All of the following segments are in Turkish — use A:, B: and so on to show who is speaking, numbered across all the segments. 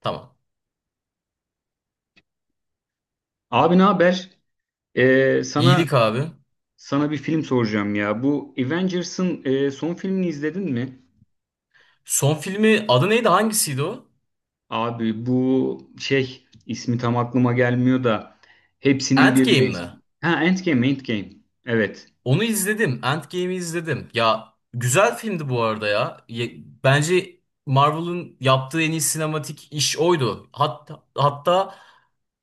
A: Tamam.
B: Abi ne haber? Ee, sana
A: İyilik abi.
B: sana bir film soracağım ya. Bu Avengers'ın son filmini izledin mi?
A: Son filmi adı neydi? Hangisiydi o?
B: Abi bu şey ismi tam aklıma gelmiyor da hepsinin
A: Endgame
B: birleş.
A: mi?
B: Ha Endgame, Endgame. Evet.
A: Onu izledim. Endgame'i izledim. Ya güzel filmdi bu arada ya. Bence Marvel'ın yaptığı en iyi sinematik iş oydu. Hatta,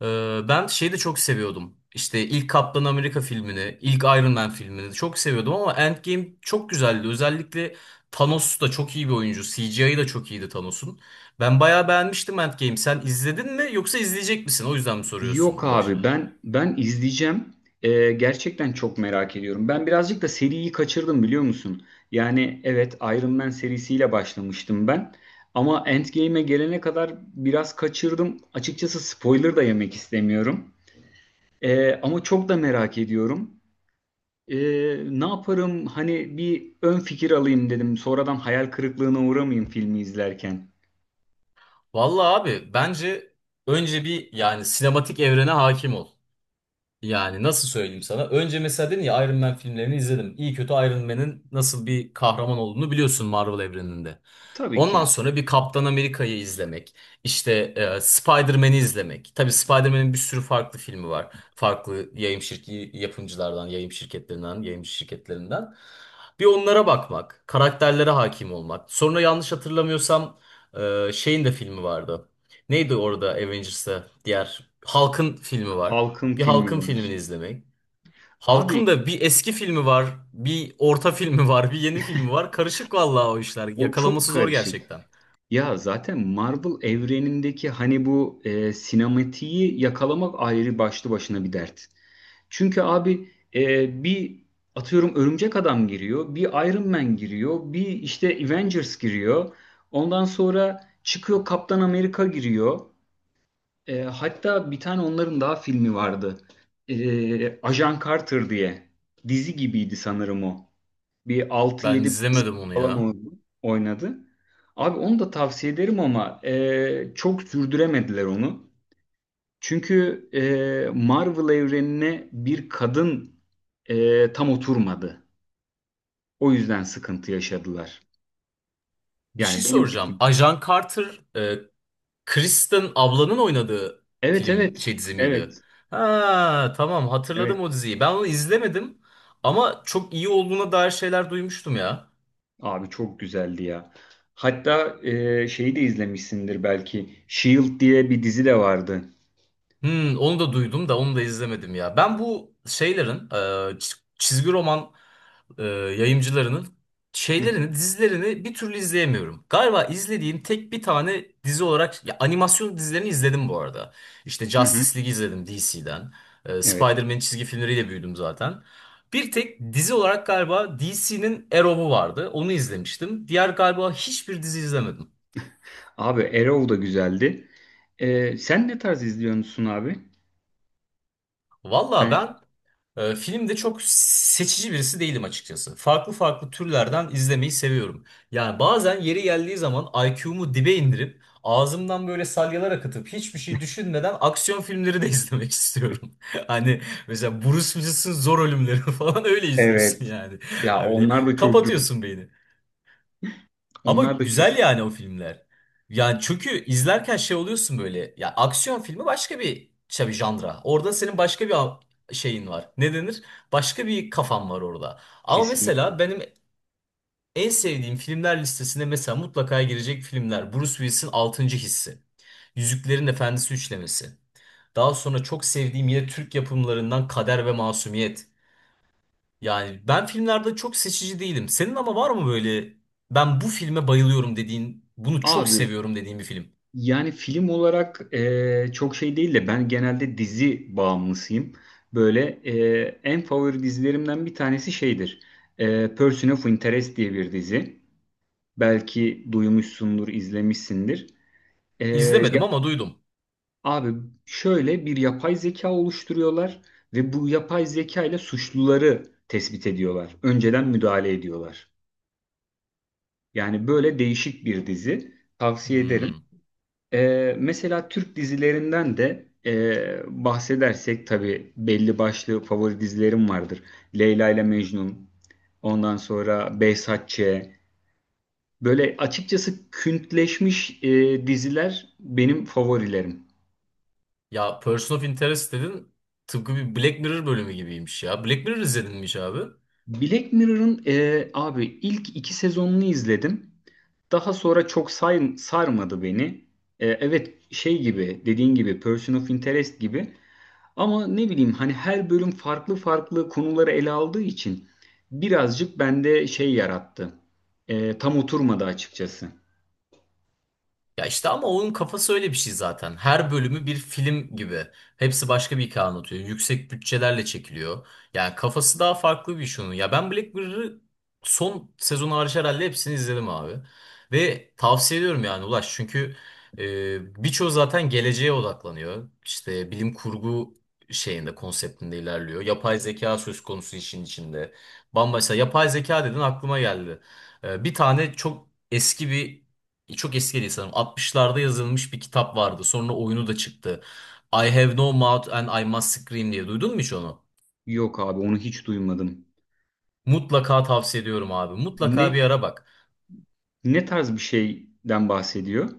A: ben şeyi de çok seviyordum. İşte ilk Kaptan Amerika filmini, ilk Iron Man filmini çok seviyordum ama Endgame çok güzeldi. Özellikle Thanos da çok iyi bir oyuncu. CGI'ı da çok iyiydi Thanos'un. Ben bayağı beğenmiştim Endgame. Sen izledin mi yoksa izleyecek misin? O yüzden mi soruyorsun
B: Yok
A: Ulaş?
B: abi ben izleyeceğim. Gerçekten çok merak ediyorum. Ben birazcık da seriyi kaçırdım biliyor musun? Yani evet Iron Man serisiyle başlamıştım ben. Ama Endgame'e gelene kadar biraz kaçırdım. Açıkçası spoiler da yemek istemiyorum. Ama çok da merak ediyorum. Ee, Ne yaparım? Hani bir ön fikir alayım dedim. Sonradan hayal kırıklığına uğramayayım filmi izlerken.
A: Vallahi abi bence önce bir yani sinematik evrene hakim ol. Yani nasıl söyleyeyim sana? Önce mesela dedin ya Iron Man filmlerini izledim. İyi kötü Iron Man'in nasıl bir kahraman olduğunu biliyorsun Marvel evreninde.
B: Tabii ki.
A: Ondan sonra bir Kaptan Amerika'yı izlemek, işte Spider-Man'i izlemek. Tabii Spider-Man'in bir sürü farklı filmi var. Farklı yayın şirki yapımcılardan, yayın şirketlerinden, yayın şirketlerinden. Bir onlara bakmak, karakterlere hakim olmak. Sonra yanlış hatırlamıyorsam şeyin de filmi vardı. Neydi orada Avengers'ta diğer Hulk'ın filmi var.
B: Halkın
A: Bir
B: filmi
A: halkın
B: var.
A: filmini izlemek.
B: Abi
A: Halkın da bir eski filmi var, bir orta filmi var, bir yeni filmi var. Karışık vallahi o işler.
B: o çok
A: Yakalaması zor
B: karışık.
A: gerçekten.
B: Ya zaten Marvel evrenindeki hani bu sinematiği yakalamak ayrı başlı başına bir dert. Çünkü abi bir atıyorum Örümcek Adam giriyor, bir Iron Man giriyor, bir işte Avengers giriyor. Ondan sonra çıkıyor Kaptan Amerika giriyor. Hatta bir tane onların daha filmi vardı. Ajan Carter diye. Dizi gibiydi sanırım o. Bir altı
A: Ben
B: yedi
A: izlemedim onu
B: falan
A: ya.
B: oynadı. Abi onu da tavsiye ederim ama çok sürdüremediler onu. Çünkü Marvel evrenine bir kadın tam oturmadı. O yüzden sıkıntı yaşadılar.
A: Bir şey
B: Yani benim.
A: soracağım. Ajan Carter, Kristen ablanın oynadığı
B: Evet,
A: film
B: evet.
A: şey dizi miydi?
B: Evet.
A: Ha, tamam hatırladım
B: Evet.
A: o diziyi. Ben onu izlemedim ama çok iyi olduğuna dair şeyler duymuştum ya.
B: Abi çok güzeldi ya. Hatta şeyi de izlemişsindir belki. Shield diye bir dizi de vardı.
A: Hmm, onu da duydum da onu da izlemedim ya. Ben bu şeylerin çizgi roman e, yayımcılarının şeylerini, dizilerini bir türlü izleyemiyorum. Galiba izlediğim tek bir tane dizi olarak ya animasyon dizilerini izledim bu arada. İşte
B: Hı hı.
A: Justice League izledim DC'den.
B: Evet.
A: Spider-Man çizgi filmleriyle büyüdüm zaten. Bir tek dizi olarak galiba DC'nin Arrow'u vardı. Onu izlemiştim. Diğer galiba hiçbir dizi izlemedim.
B: Abi Arrow da güzeldi. Sen ne tarz izliyorsun abi?
A: Valla ben filmde çok seçici birisi değilim açıkçası. Farklı farklı türlerden izlemeyi seviyorum. Yani bazen yeri geldiği zaman IQ'mu dibe indirip ağzımdan böyle salyalar akıtıp hiçbir şey düşünmeden aksiyon filmleri de izlemek istiyorum. Hani mesela Bruce Willis'in Zor Ölümleri falan öyle izliyorsun
B: Evet.
A: yani.
B: Ya
A: Hani böyle
B: onlar da çok güzel.
A: kapatıyorsun beyni. Ama
B: Onlar da çok
A: güzel yani o filmler. Yani çünkü izlerken şey oluyorsun böyle. Ya aksiyon filmi başka bir şey bir janra. Orada senin başka bir şeyin var. Ne denir? Başka bir kafan var orada. Ama mesela
B: kesinlikle.
A: benim en sevdiğim filmler listesine mesela mutlaka girecek filmler. Bruce Willis'in 6. Hissi. Yüzüklerin Efendisi üçlemesi. Daha sonra çok sevdiğim yine Türk yapımlarından Kader ve Masumiyet. Yani ben filmlerde çok seçici değilim. Senin ama var mı böyle ben bu filme bayılıyorum dediğin, bunu çok
B: Abi
A: seviyorum dediğin bir film?
B: yani film olarak çok şey değil de ben genelde dizi bağımlısıyım. Böyle en favori dizilerimden bir tanesi şeydir. Person of Interest diye bir dizi. Belki duymuşsundur, izlemişsindir. E, ya-
A: İzlemedim ama duydum.
B: abi şöyle bir yapay zeka oluşturuyorlar ve bu yapay zeka ile suçluları tespit ediyorlar. Önceden müdahale ediyorlar. Yani böyle değişik bir dizi. Tavsiye ederim.
A: Hmm.
B: Mesela Türk dizilerinden de bahsedersek tabii belli başlı favori dizilerim vardır. Leyla ile Mecnun, ondan sonra Behzat Ç. Böyle açıkçası küntleşmiş diziler benim favorilerim.
A: Ya Person of Interest dedin tıpkı bir Black Mirror bölümü gibiymiş ya. Black Mirror izledin mi hiç abi?
B: Black Mirror'ın abi ilk iki sezonunu izledim. Daha sonra çok sarmadı beni. Evet şey gibi dediğin gibi Person of Interest gibi. Ama ne bileyim hani her bölüm farklı farklı konuları ele aldığı için birazcık bende şey yarattı. Tam oturmadı açıkçası.
A: Ya işte ama onun kafası öyle bir şey zaten. Her bölümü bir film gibi. Hepsi başka bir hikaye anlatıyor. Yüksek bütçelerle çekiliyor. Yani kafası daha farklı bir iş onun. Ya ben Black Mirror'ı son sezonu hariç herhalde hepsini izledim abi. Ve tavsiye ediyorum yani Ulaş. Çünkü birçoğu zaten geleceğe odaklanıyor. İşte bilim kurgu şeyinde, konseptinde ilerliyor. Yapay zeka söz konusu işin içinde. Bambaşka yapay zeka dedin aklıma geldi. Bir tane çok eski bir çok eski değil sanırım. 60'larda yazılmış bir kitap vardı. Sonra oyunu da çıktı. I Have No Mouth and I Must Scream diye. Duydun mu hiç onu?
B: Yok abi onu hiç duymadım.
A: Mutlaka tavsiye ediyorum abi.
B: Ne
A: Mutlaka bir ara bak.
B: Ne tarz bir şeyden bahsediyor?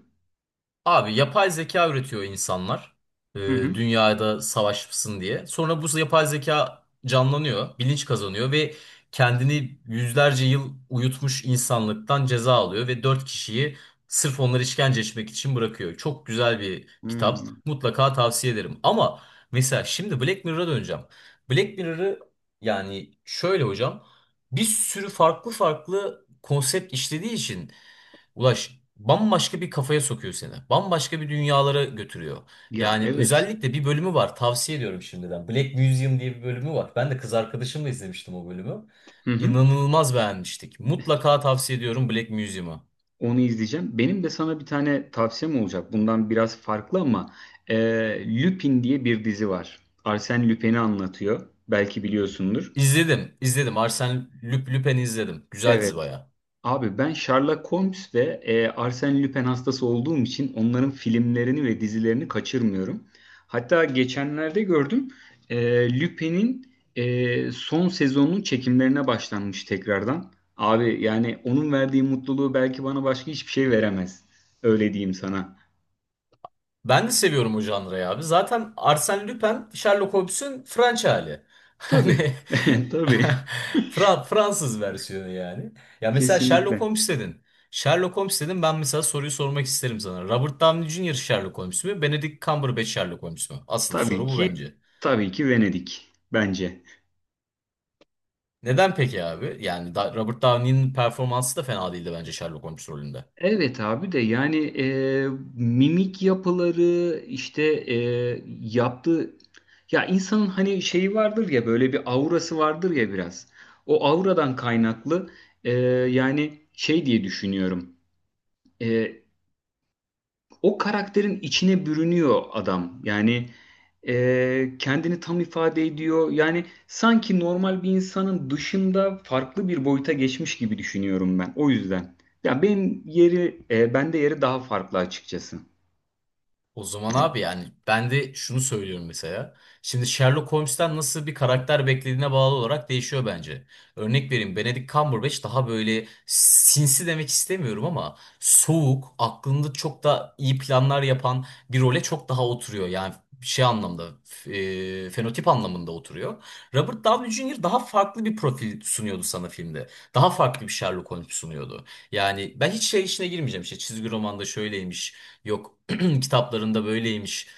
A: Abi yapay zeka üretiyor insanlar. e,
B: Hı hı.
A: dünyada savaşsın diye. Sonra bu yapay zeka canlanıyor, bilinç kazanıyor ve kendini yüzlerce yıl uyutmuş insanlıktan ceza alıyor ve dört kişiyi sırf onları işkence etmek için bırakıyor. Çok güzel bir kitap.
B: Hmm.
A: Mutlaka tavsiye ederim. Ama mesela şimdi Black Mirror'a döneceğim. Black Mirror'ı yani şöyle hocam bir sürü farklı farklı konsept işlediği için Ulaş bambaşka bir kafaya sokuyor seni. Bambaşka bir dünyalara götürüyor.
B: Ya
A: Yani
B: evet.
A: özellikle bir bölümü var tavsiye ediyorum şimdiden. Black Museum diye bir bölümü var. Ben de kız arkadaşımla izlemiştim o bölümü.
B: Hı hı.
A: İnanılmaz beğenmiştik. Mutlaka tavsiye ediyorum Black Museum'u.
B: Onu izleyeceğim. Benim de sana bir tane tavsiyem olacak. Bundan biraz farklı ama e, Lupin diye bir dizi var. Arsène Lupin'i anlatıyor. Belki biliyorsundur.
A: İzledim, izledim. Arsène Lupin'i izledim. Güzel dizi
B: Evet.
A: bayağı.
B: Abi ben Sherlock Holmes ve Arsène Lupin hastası olduğum için onların filmlerini ve dizilerini kaçırmıyorum. Hatta geçenlerde gördüm Lupin'in son sezonun çekimlerine başlanmış tekrardan. Abi yani onun verdiği mutluluğu belki bana başka hiçbir şey veremez. Öyle diyeyim sana.
A: Ben de seviyorum o janrayı abi. Zaten Arsène Lupin, Sherlock Holmes'ün French hali.
B: Tabii.
A: Hani
B: Tabii.
A: Fransız versiyonu yani. Ya mesela Sherlock
B: Kesinlikle.
A: Holmes dedin. Sherlock Holmes dedin ben mesela soruyu sormak isterim sana. Robert Downey Jr. Sherlock Holmes mü? Benedict Cumberbatch Sherlock Holmes mü? Asıl soru
B: Tabii
A: bu
B: ki,
A: bence.
B: tabii ki Venedik bence.
A: Neden peki abi? Yani Robert Downey'nin performansı da fena değildi bence Sherlock Holmes rolünde.
B: Evet abi de yani mimik yapıları işte e, yaptığı ya insanın hani şeyi vardır ya böyle bir aurası vardır ya biraz. O auradan kaynaklı yani şey diye düşünüyorum. E, O karakterin içine bürünüyor adam. Yani kendini tam ifade ediyor. Yani sanki normal bir insanın dışında farklı bir boyuta geçmiş gibi düşünüyorum ben. O yüzden. Bende yeri daha farklı açıkçası.
A: O zaman abi yani ben de şunu söylüyorum mesela. Şimdi Sherlock Holmes'ten nasıl bir karakter beklediğine bağlı olarak değişiyor bence. Örnek vereyim Benedict Cumberbatch daha böyle sinsi demek istemiyorum ama soğuk, aklında çok da iyi planlar yapan bir role çok daha oturuyor. Yani şey anlamda, fenotip anlamında oturuyor. Robert Downey Jr. daha farklı bir profil sunuyordu sana filmde. Daha farklı bir Sherlock Holmes sunuyordu. Yani ben hiç şey işine girmeyeceğim işte çizgi romanda şöyleymiş. Yok Kitaplarında böyleymiş.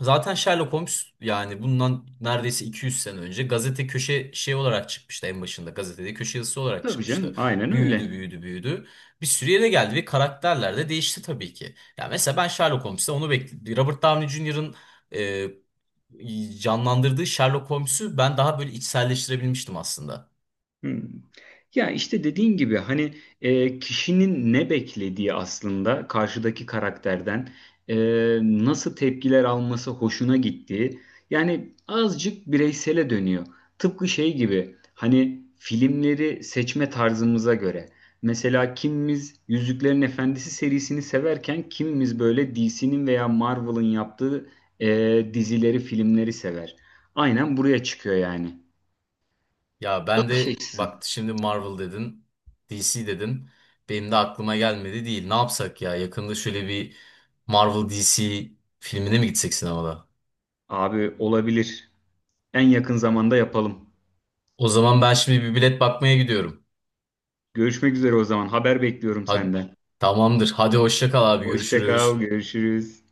A: Zaten Sherlock Holmes yani bundan neredeyse 200 sene önce gazete köşe şey olarak çıkmıştı en başında. Gazetede köşe yazısı olarak
B: Tabii canım,
A: çıkmıştı.
B: aynen
A: Büyüdü,
B: öyle.
A: büyüdü, büyüdü. Bir sürü yere geldi ve karakterler de değişti tabii ki. Ya mesela ben Sherlock Holmes'te onu bekledim. Robert Downey Jr.'ın canlandırdığı Sherlock Holmes'u ben daha böyle içselleştirebilmiştim aslında.
B: Hmm. Ya işte dediğin gibi hani kişinin ne beklediği aslında karşıdaki karakterden e, nasıl tepkiler alması hoşuna gittiği yani azıcık bireysele dönüyor. Tıpkı şey gibi hani filmleri seçme tarzımıza göre. Mesela kimimiz Yüzüklerin Efendisi serisini severken kimimiz böyle DC'nin veya Marvel'ın yaptığı e, dizileri, filmleri sever. Aynen buraya çıkıyor yani.
A: Ya ben
B: Bakış
A: de
B: açısı.
A: bak şimdi Marvel dedin, DC dedin. Benim de aklıma gelmedi değil. Ne yapsak ya? Yakında şöyle bir Marvel DC filmine mi gitsek sinemada?
B: Abi olabilir. En yakın zamanda yapalım.
A: O zaman ben şimdi bir bilet bakmaya gidiyorum.
B: Görüşmek üzere o zaman. Haber bekliyorum
A: Hadi,
B: senden.
A: tamamdır. Hadi hoşça kal abi
B: Hoşça kal,
A: görüşürüz.
B: görüşürüz.